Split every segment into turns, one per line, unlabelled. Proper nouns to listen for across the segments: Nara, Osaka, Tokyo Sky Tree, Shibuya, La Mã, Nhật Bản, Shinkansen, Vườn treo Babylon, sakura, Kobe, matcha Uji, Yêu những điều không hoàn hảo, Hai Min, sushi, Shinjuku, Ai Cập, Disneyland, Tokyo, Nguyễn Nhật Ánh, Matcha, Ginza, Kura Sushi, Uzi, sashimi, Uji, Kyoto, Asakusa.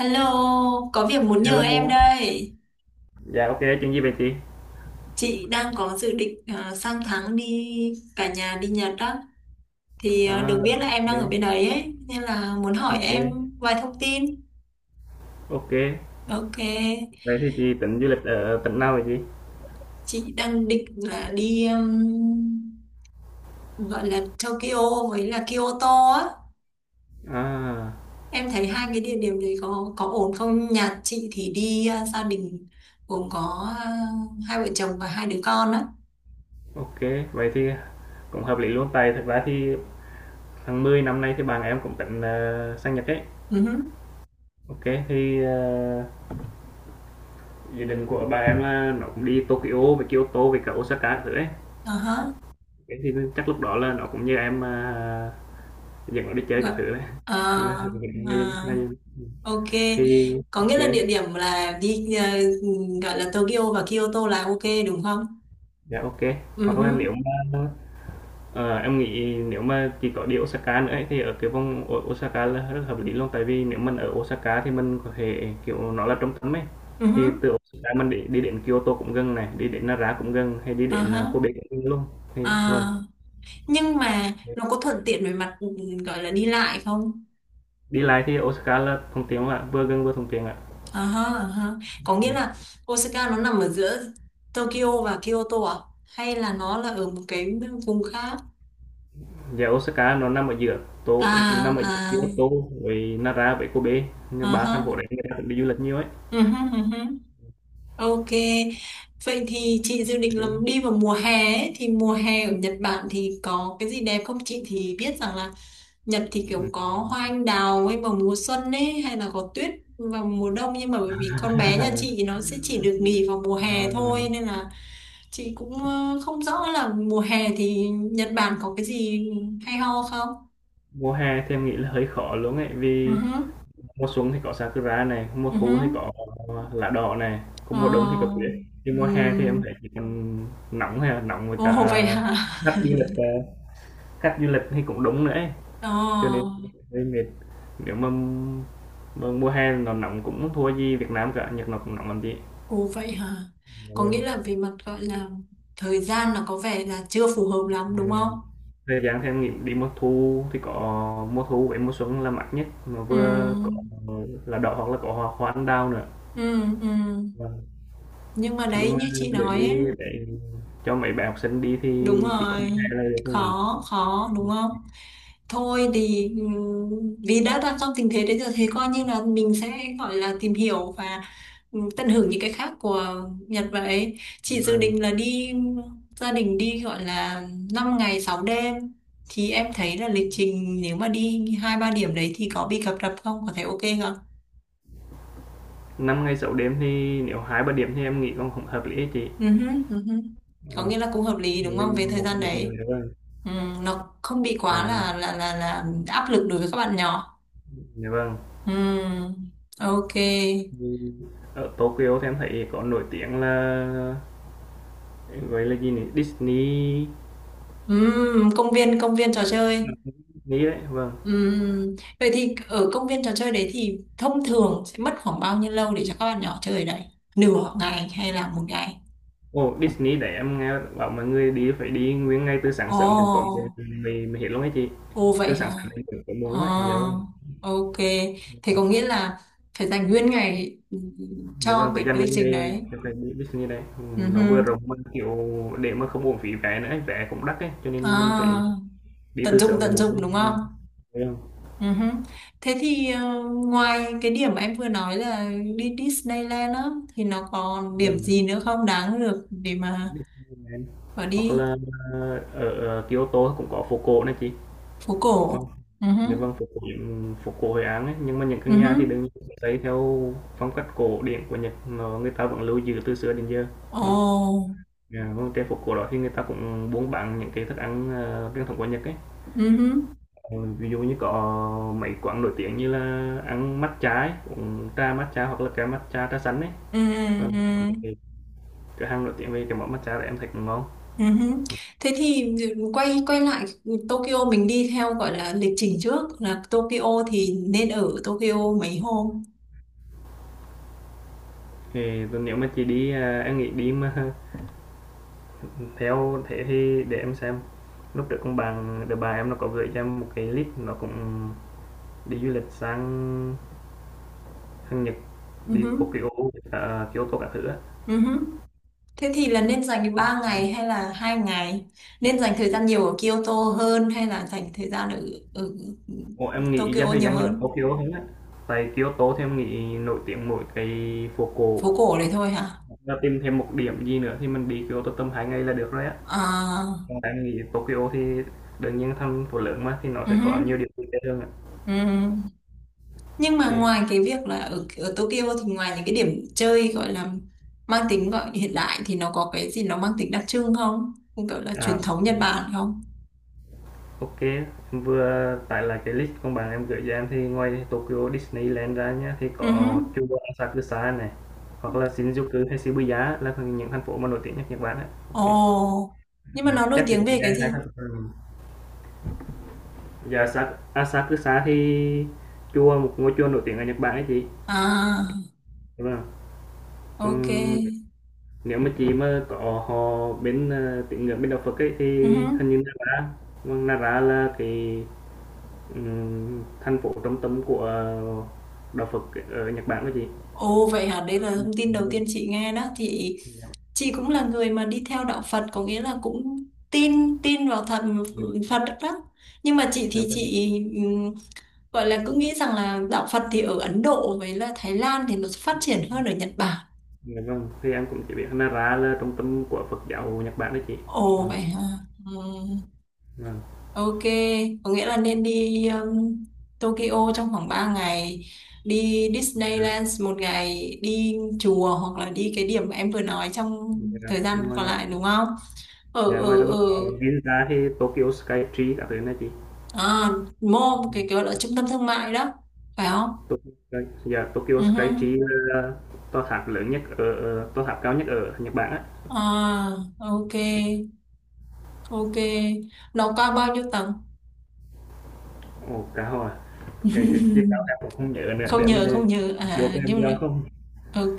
Hello, có việc muốn nhờ em
Hello,
đây.
dạ OK, chuyện gì vậy chị?
Chị đang có dự định sang tháng đi cả nhà đi Nhật đó. Thì
À,
được biết là em đang
OK,
ở bên đấy ấy, nên là muốn hỏi em
OK,
vài thông tin.
OK.
Ok,
Vậy thì chị tính du lịch ở tỉnh nào vậy chị?
chị đang định là đi gọi là Tokyo với là Kyoto á.
À,
Em thấy hai cái địa điểm đấy có ổn không? Nhà chị thì đi gia đình gồm có hai vợ chồng và hai đứa con á.
OK, vậy thì cũng hợp lý luôn. Tại thật ra thì tháng 10 năm nay thì bạn em cũng tính sang Nhật ấy. OK, thì ờ, dự định của bạn em là nó cũng đi Tokyo, với Kyoto, với cả Osaka các thứ ấy.
Uh-huh.
Thế thì chắc lúc đó là nó cũng như em dẫn nó đi chơi các
Vâng.
thứ đấy.
À,
Ngay-
à,
ngay-
ok.
thì
Có nghĩa là địa
ok,
điểm là đi gọi là Tokyo và Kyoto là ok đúng không?
dạ ok,
Ừ
hoặc là
huh,
nếu mà em nghĩ nếu mà chỉ có đi Osaka nữa ấy, thì ở cái vùng Osaka là rất hợp lý luôn, tại vì nếu mình ở Osaka thì mình có thể kiểu nó là trung tâm ấy,
ừ
thì
huh.
từ Osaka mình đi đến Kyoto cũng gần, này đi đến Nara cũng gần, hay đi
À,
đến
ha.
Kobe cũng gần luôn, thì vâng.
À, nhưng mà nó có thuận tiện về mặt gọi là đi lại không?
Đi lại thì Osaka là thuận tiện ạ, vừa gần vừa thuận tiện ạ.
À, ha, à, ha. Có nghĩa
Dạ.
là Osaka nó nằm ở giữa Tokyo và Kyoto à? Hay là nó là ở một cái vùng khác?
Dạ, Osaka nó nằm ở giữa Tô,
À,
nằm ở giữa Kyoto
à,
với Nara với Kobe. Nhưng
à,
ba thành
ha.
phố đấy người ta cũng đi du lịch nhiều ấy.
Ừ huh. Ok, vậy thì chị dự định là
Thế mà.
đi vào mùa hè ấy. Thì mùa hè ở Nhật Bản thì có cái gì đẹp không? Chị thì biết rằng là Nhật thì kiểu
Ừ.
có hoa anh đào ấy vào mùa xuân ấy hay là có tuyết vào mùa đông nhưng mà bởi vì con bé nhà chị nó sẽ chỉ được nghỉ vào mùa
À,
hè thôi nên là chị cũng không rõ là mùa hè thì Nhật Bản có cái gì hay ho không?
mùa hè thì em nghĩ là hơi khó luôn ấy,
Ừ
vì
hứ,
mùa xuân thì có sakura này, mùa
ừ hứ.
thu thì có lá đỏ này, còn mùa đông thì có
Ờ,
tuyết. Thì mùa hè thì em
ừm.
thấy chỉ còn nóng, hay là nóng với cả
Ồ vậy hả?
khách du lịch khách du lịch thì cũng đúng nữa ấy.
Ờ.
Cho nên hơi mệt. Nếu mà mùa hè nó nóng cũng không thua gì Việt Nam cả, Nhật nó cũng nóng làm gì.
Ồ vậy hả?
Dạ
Có nghĩa là
vâng.
về mặt gọi là thời gian là có vẻ là chưa phù hợp lắm
Dạ
đúng
vâng.
không?
Thời gian thì em nghĩ đi mùa thu thì có mùa thu với mùa xuân là mát nhất, mà
Ừ,
vừa có lá đỏ hoặc là có hoa hoa anh đào nữa.
ừ, ừ.
Dạ vâng.
Nhưng mà đấy
Nhưng mà
như chị
để
nói
đi,
ấy,
để cho mấy bạn học sinh đi thì
đúng
chỉ có 1
rồi,
ngày là được thôi.
khó khó đúng không, thôi thì vì đã đang trong tình thế đấy rồi thì coi như là mình sẽ gọi là tìm hiểu và tận hưởng những cái khác của Nhật. Vậy chị dự
Vâng,
định là đi gia đình đi gọi là 5 ngày 6 đêm thì em thấy là lịch trình nếu mà đi hai ba điểm đấy thì có bị cập rập không, có thể ok không?
5 ngày sáu đêm thì nếu 2-3 điểm thì em nghĩ còn không hợp lý á chị.
Ừ hứ, ừ hứ. Có
Ừm,
nghĩa là cũng hợp lý đúng không về
mình
thời
một
gian
một người
đấy.
nữa vâng.
Ừ, nó không bị
Dạ
quá là
vâng,
là là là áp lực đối với các bạn nhỏ.
dạ vâng.
Ừ, ok.
Thì ở Tokyo thì em thấy có nổi tiếng là, gọi là gì nhỉ? Disney.
Ừ, công viên trò chơi.
Disney đấy, vâng.
Ừ, vậy thì ở công viên trò chơi đấy thì thông thường sẽ mất khoảng bao nhiêu lâu để cho các bạn nhỏ chơi đấy? Nửa ngày hay là một ngày?
Ồ, Disney để em nghe bảo mọi người đi phải đi nguyên ngay từ sáng sớm đến tối
Ồ,
muộn thì mới mới hết luôn ấy chị.
ồ
Từ
vậy hả?
sáng sớm đến tối tối
Ờ,
muộn ấy, dạ vâng.
ok. Thế có nghĩa là phải dành nguyên ngày
Dạ
cho
vâng, phải
cái,
dành
cái
cái
lịch trình
ngày
đấy.
cái ngày đi Disney này,
Ừ,
nó vừa
hừ.
rộng mà, kiểu, để mà không uổng phí vé nữa ấy, vé cũng đắt ấy, cho nên mình phải
À,
đi từ sớm để
tận
muộn.
dụng đúng không?
Vâng, dạ
Ừ hứ. Thế thì ngoài cái điểm mà em vừa nói là đi Disneyland á thì nó còn điểm
vâng, vâng.
gì nữa không, đáng được để mà
Disneyland.
bỏ
Hoặc
đi
là ở Kyoto cũng có phố cổ này chị.
phố cổ?
Vâng,
Ừ hứ.
dạ vâng, phố cổ Hội An ấy, nhưng mà những
Ừ
căn
hứ.
nhà thì đương nhiên sẽ xây theo phong cách cổ điển của Nhật, nó người ta vẫn lưu giữ từ xưa đến giờ. Vâng.
Ồ.
Dạ, vâng, trên phố cổ đó thì người ta cũng buôn bán những cái thức ăn truyền thống của Nhật ấy.
Ừ hứ.
Ừ, ví dụ như có mấy quán nổi tiếng như là ăn matcha ấy, uống trà matcha hoặc là cái matcha trà xanh ấy.
Ừ ừ
Vâng, có
ừ.
mấy cái cửa hàng nổi tiếng về cái món matcha đấy em thấy cũng ngon.
Ừ hứ. Thế thì quay quay lại Tokyo mình đi theo gọi là lịch trình trước là Tokyo thì nên ở Tokyo mấy hôm.
Thì nếu mà chị đi à, em nghĩ đi mà theo thế thì để em xem. Lúc trước con bạn đứa bà em nó có gửi cho em một cái list, nó cũng đi du lịch sang sang Nhật,
Ừ
đi
hứ.
Tokyo, à, Kyoto các thứ á.
Ừ hứ. Thế thì là nên dành 3 ngày hay là 2 ngày? Nên dành thời gian nhiều ở Kyoto hơn hay là dành thời gian ở
Ủa, em nghĩ dành
Tokyo
thời
nhiều
gian du lịch
hơn?
Tokyo hơn á. Tại Kyoto thì em nghĩ nổi tiếng mỗi cái phố cổ.
Phố cổ đấy thôi hả?
Và tìm thêm một điểm gì nữa thì mình đi Kyoto tầm 2 ngày là được rồi á.
À,
Còn em nghĩ Tokyo thì đương nhiên thành phố lớn mà, thì nó sẽ có
ừm,
nhiều điểm vui chơi hơn ạ.
ừm. Nhưng mà ngoài
Ok.
cái việc là ở Tokyo thì ngoài những cái điểm chơi gọi là mang tính gọi hiện đại thì nó có cái gì nó mang tính đặc trưng không? Cũng gọi là truyền
À,
thống Nhật Bản không?
ok. Em vừa tải lại cái list con bạn em gửi cho em thì ngoài Tokyo Disneyland ra nhá, thì
Ừ
có
uh.
Chuba Asakusa này, hoặc là Shinjuku hay Shibuya là những thành phố mà nổi tiếng nhất Nhật Bản á.
Ồ,
Ok.
nhưng
Ừ,
mà nó nổi
chắc chỉ
tiếng
cần
về cái
nghe hai
gì?
thành phố. Ừ. Dạ Asakusa thì chùa, một ngôi chùa nổi tiếng ở Nhật Bản ấy chị.
À,
Đúng không?
ok.
Còn nếu mà chị mà có họ bên, tín ngưỡng bên đạo Phật ấy, thì
Ừ
hình
uh.
như Nara, vâng, Nara là cái, thành phố trung tâm của đạo Phật ở Nhật Bản đó chị.
Ồ vậy hả, đấy là thông tin đầu
Ừm,
tiên chị nghe đó. Chị
Dạ vâng.
chị cũng là người mà đi theo đạo Phật, có nghĩa là cũng tin tin vào thần
Dạ, dạ,
Phật đó. Nhưng mà chị
dạ
thì
vâng.
chị ừm, gọi là cứ nghĩ rằng là đạo Phật thì ở Ấn Độ với là Thái Lan thì nó phát triển hơn ở Nhật Bản.
Dạ vâng, thì em cũng chỉ biết Nara là trung tâm của Phật giáo Nhật Bản đó chị.
Ồ
Vâng,
vậy hả? Ừ.
vâng.
Ok, có nghĩa là nên đi Tokyo trong khoảng 3 ngày, đi
Dạ,
Disneyland một ngày, đi chùa hoặc là đi cái điểm mà em vừa nói trong
dạ.
thời gian còn lại đúng không? Ở
Dạ, ngoài
ở
ra
ở
còn Ginza thì Tokyo Sky Tree các thứ này chị.
à, mall, cái gọi là trung tâm thương mại đó, phải không?
Tokyo Sky, dạ,
Ừ
Tokyo
hứ.
Sky Tree là tòa tháp lớn nhất ở tòa tháp cao nhất ở Nhật Bản á.
À, ok, ok. Nó cao bao nhiêu tầng?
Ồ, cá hồi, à? Cái chiếc cao em cũng không nhớ nữa, để
không
em
nhớ
về-
không nhớ
vô
à
cái em
nhưng mà
giờ không.
ok,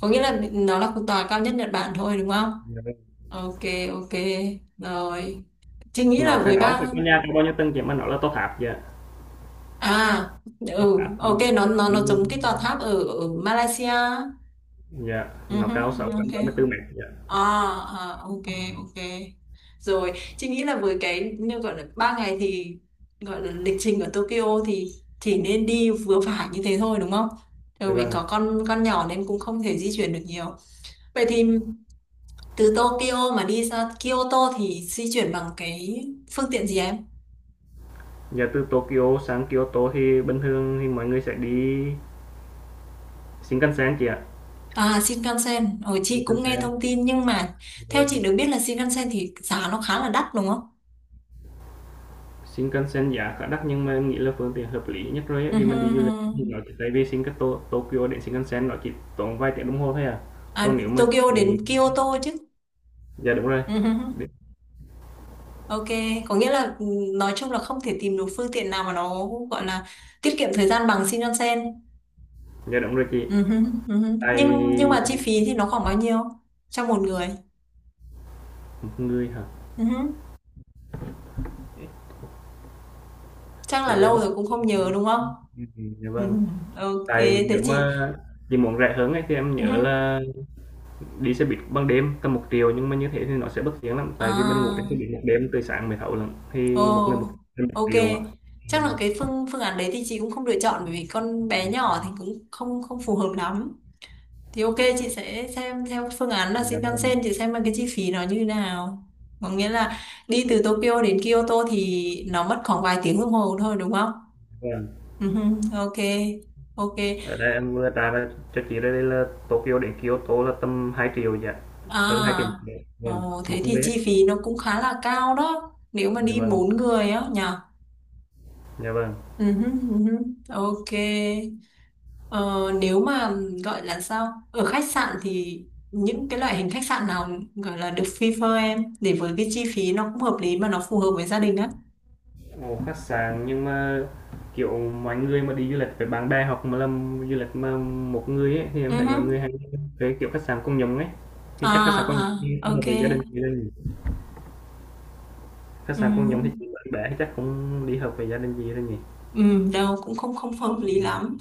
có nghĩa là nó là cái tòa cao nhất Nhật Bản thôi đúng không?
Dạ.
Ok, ok rồi, chị nghĩ
Nó
là
cái nó phải
13.
có nhà cao bao nhiêu tầng chị mà nó là tòa tháp dạ.
À,
Tòa
ừ,
tháp.
ok, nó
Ừ,
giống cái tòa tháp ở Malaysia.
dạ,
Ừ,
nó
hứ,
cao
ok.
634 mét dạ.
À, à, ok, ok rồi, chị nghĩ là với cái như gọi là ba ngày thì gọi là lịch trình ở Tokyo thì chỉ nên đi vừa phải như thế thôi đúng không, bởi
Dạ
vì
vâng.
có con nhỏ nên cũng không thể di chuyển được nhiều. Vậy thì từ Tokyo mà đi ra Kyoto thì di chuyển bằng cái phương tiện gì em?
Dạ từ Tokyo sang Kyoto thì bình thường thì mọi người sẽ đi Shinkansen chị ạ.
À, Shinkansen. Ồ, chị cũng nghe
Shinkansen.
thông tin nhưng mà theo
Ừ.
chị được biết là Shinkansen thì giá nó khá là đắt đúng không?
Shinkansen giá khá đắt nhưng mà em nghĩ là phương tiện hợp lý nhất rồi ấy,
Ừ,
vì
hừ,
mình đi du lịch
hừ.
thì nó chỉ tại vì Shinkanto Tokyo đến Shinkansen nó chỉ tốn vài tiếng đồng hồ thôi à,
À,
còn nếu mà
Tokyo đến
chị
Kyoto chứ.
dạ đúng rồi.
Ừ, hừ, hừ.
Đi-
Ok, có nghĩa là nói chung là không thể tìm được phương tiện nào mà nó gọi là tiết kiệm thời gian bằng Shinkansen.
dạ đúng rồi chị,
Ừ, hừ, ừ, hừ.
tại
Nhưng mà chi phí thì nó khoảng bao nhiêu cho một người?
một người hả
Ừ, hừ. Chắc là
chị để
lâu
em xin,
rồi cũng không nhớ đúng không?
dạ
Ừ,
vâng,
hừ. Ok,
tại
thế
nếu mà
chị.
chị muốn rẻ hơn ấy, thì em
Ừ,
nhớ
hừ.
là đi xe buýt ban đêm tầm 1 triệu, nhưng mà như thế thì nó sẽ bất tiện lắm, tại vì mình ngủ
À.
trên xe buýt một đêm từ sáng mới thấu lận, thì một người một,
Ồ,
một
ok.
triệu ạ.
Chắc là
Vâng.
cái phương phương án đấy thì chị cũng không lựa chọn bởi vì con bé nhỏ thì cũng không không phù hợp lắm. Thì ok, chị sẽ xem theo phương án là
Dạ vâng.
Shinkansen, chị xem là cái chi phí nó như thế nào. Có nghĩa là đi từ Tokyo đến Kyoto thì nó mất khoảng vài tiếng đồng hồ thôi đúng không?
Vâng,
Ừ, ok. Ok.
ở đây em vừa trả lời cho chị đây là Tokyo đến Kyoto là tầm 2 triệu dạ, hơn 2 triệu một
À,
người, vâng,
ồ,
một
thế thì
người ấy,
chi phí nó cũng khá là cao đó. Nếu mà
dạ
đi
vâng,
bốn người á nhỉ?
dạ vâng.
Ừ, ừ, ok. Ờ, nếu mà gọi là sao ở khách sạn thì những cái loại hình khách sạn nào gọi là được prefer em để với cái chi phí nó cũng hợp lý mà nó phù hợp với gia đình á?
Ồ, khách sạn nhưng mà kiểu mọi người mà đi du lịch với bạn bè, hoặc mà làm du lịch mà một người ấy, thì
Ừ
em thấy mọi người
hứ.
hay thuê kiểu khách sạn công nhóm ấy, thì chắc khách sạn công nhóm
À,
thì
à
không hợp
ok.
với gia đình gì đâu nhỉ. Khách sạn công nhóm thì
Ừ,
chỉ bạn bè thì chắc không đi hợp với gia đình gì đâu nhỉ.
ừ, đâu cũng không không hợp lý
Ừ,
lắm.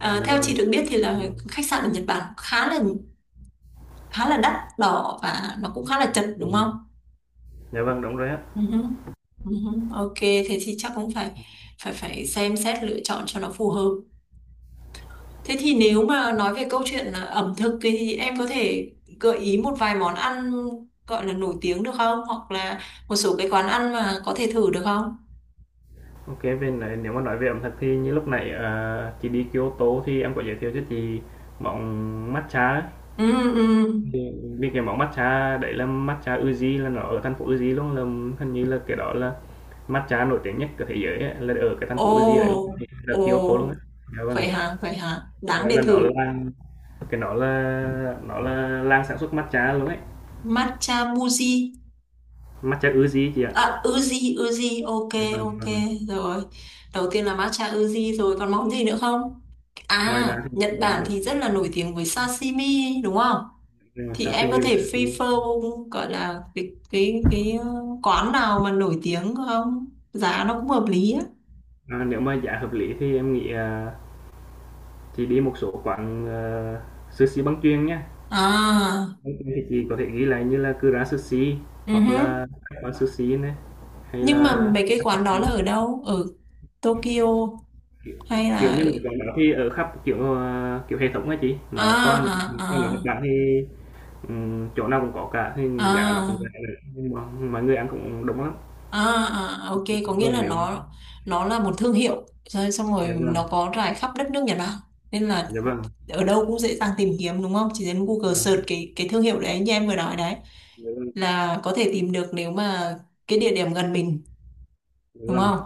Ờ,
dạ
theo
vâng.
chị được biết thì là
Ừ,
khách sạn ở Nhật Bản khá là đắt đỏ và nó cũng khá là
dạ
chật đúng
vâng,
không?
dạ vâng đúng rồi.
Ừ hứ. Ừ hứ. Ok thế thì chắc cũng phải phải phải xem xét lựa chọn cho nó phù hợp. Thế thì nếu mà nói về câu chuyện là ẩm thực thì em có thể gợi ý một vài món ăn gọi là nổi tiếng được không? Hoặc là một số cái quán ăn mà có thể thử được không?
OK, về nói nếu mà nói về ẩm thực thì như lúc nãy, chị đi Kyoto thì em có giới thiệu cho chị món matcha ấy.
Ừ, ừ.
Thì vì cái món matcha đấy là matcha Uji, là nó ở thành phố Uji luôn, là hình như là cái đó là matcha nổi tiếng nhất của thế giới ấy, là ở cái thành
Ồ,
phố Uji đấy, ở
ồ,
Kyoto luôn á. Dạ vâng,
vậy hả, vậy hả? Đáng
nghĩa
để
là nó là
thử.
làng, cái nó là làng sản xuất matcha luôn ấy,
Matcha muji.
matcha Uji chị ạ.
À, Uzi, Uzi, ok,
Dạ vâng, dạ
ok,
vâng.
rồi. Đầu tiên là matcha Uzi rồi, còn món gì nữa không?
Ngoài ra
À,
thì
Nhật Bản
nổi
thì rất là nổi tiếng với sashimi, đúng không?
nổi
Thì em có
sashimi với
thể
sushi.
prefer gọi là cái ờ, quán nào mà nổi tiếng không? Giá nó cũng hợp lý á.
À, nếu mà giá hợp lý thì em nghĩ, à, chị đi một số quán sushi băng chuyền nhá.
À,
Băng chuyền thì chị có thể ghi lại như là Kura Sushi, hoặc
uh.
là các quán sushi này, hay
Nhưng mà
là
mấy cái quán đó là ở đâu? Ở Tokyo hay là
kiểu như
ở...
mấy quán đó thì ở khắp kiểu kiểu hệ thống á chị
À,
nó còn được, còn ở
à,
Nhật
à,
Bản thì chỗ nào cũng có cả, thì giá nó cũng rẻ
à.
nữa nhưng mà mọi người ăn cũng đông lắm.
À, à, à, ok, có nghĩa
Vâng
là
nếu,
nó là một thương hiệu rồi, xong rồi
dạ vâng,
nó có rải khắp đất nước Nhật Bản nên là
dạ vâng,
ở đâu cũng dễ dàng tìm kiếm đúng không? Chỉ cần
dạ
Google
vâng,
search cái thương hiệu đấy như em vừa nói đấy
dạ vâng,
là có thể tìm được nếu mà cái địa điểm gần mình
dạ
đúng
vâng.
không?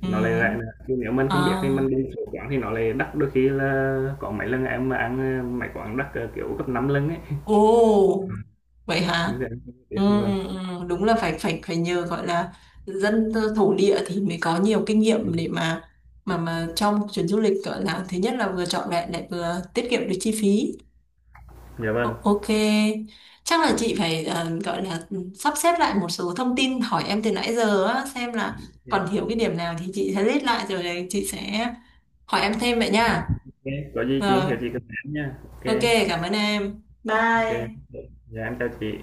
Ừ.
Nó lại rẻ nữa nhưng nếu mình không biết thì
À,
mình đi một số quán thì nó lại đắt, đôi khi là có mấy lần em mà ăn mấy quán đắt kiểu gấp 5 lần ấy.
ồ,
Ừm,
vậy
hướng
hả?
dẫn cho việc,
Ừ,
vâng.
ừ, ừ, đúng là phải phải phải nhờ gọi là dân thổ địa thì mới có nhiều kinh nghiệm để mà mà trong chuyến du lịch gọi là thứ nhất là vừa trọn vẹn lại vừa tiết kiệm được chi phí.
Dạ vâng,
Ok, chắc là chị phải gọi là sắp xếp lại một số thông tin hỏi em từ nãy giờ á, xem là
ok kê,
còn thiếu cái điểm nào thì chị sẽ list lại rồi đấy, chị sẽ hỏi em thêm vậy nha.
có gì chị
Rồi,
hiểu chị cứ nói nha. Ok
ok,
ok ô
cảm ơn em.
kê.
Bye.
Dạ, em chào chị.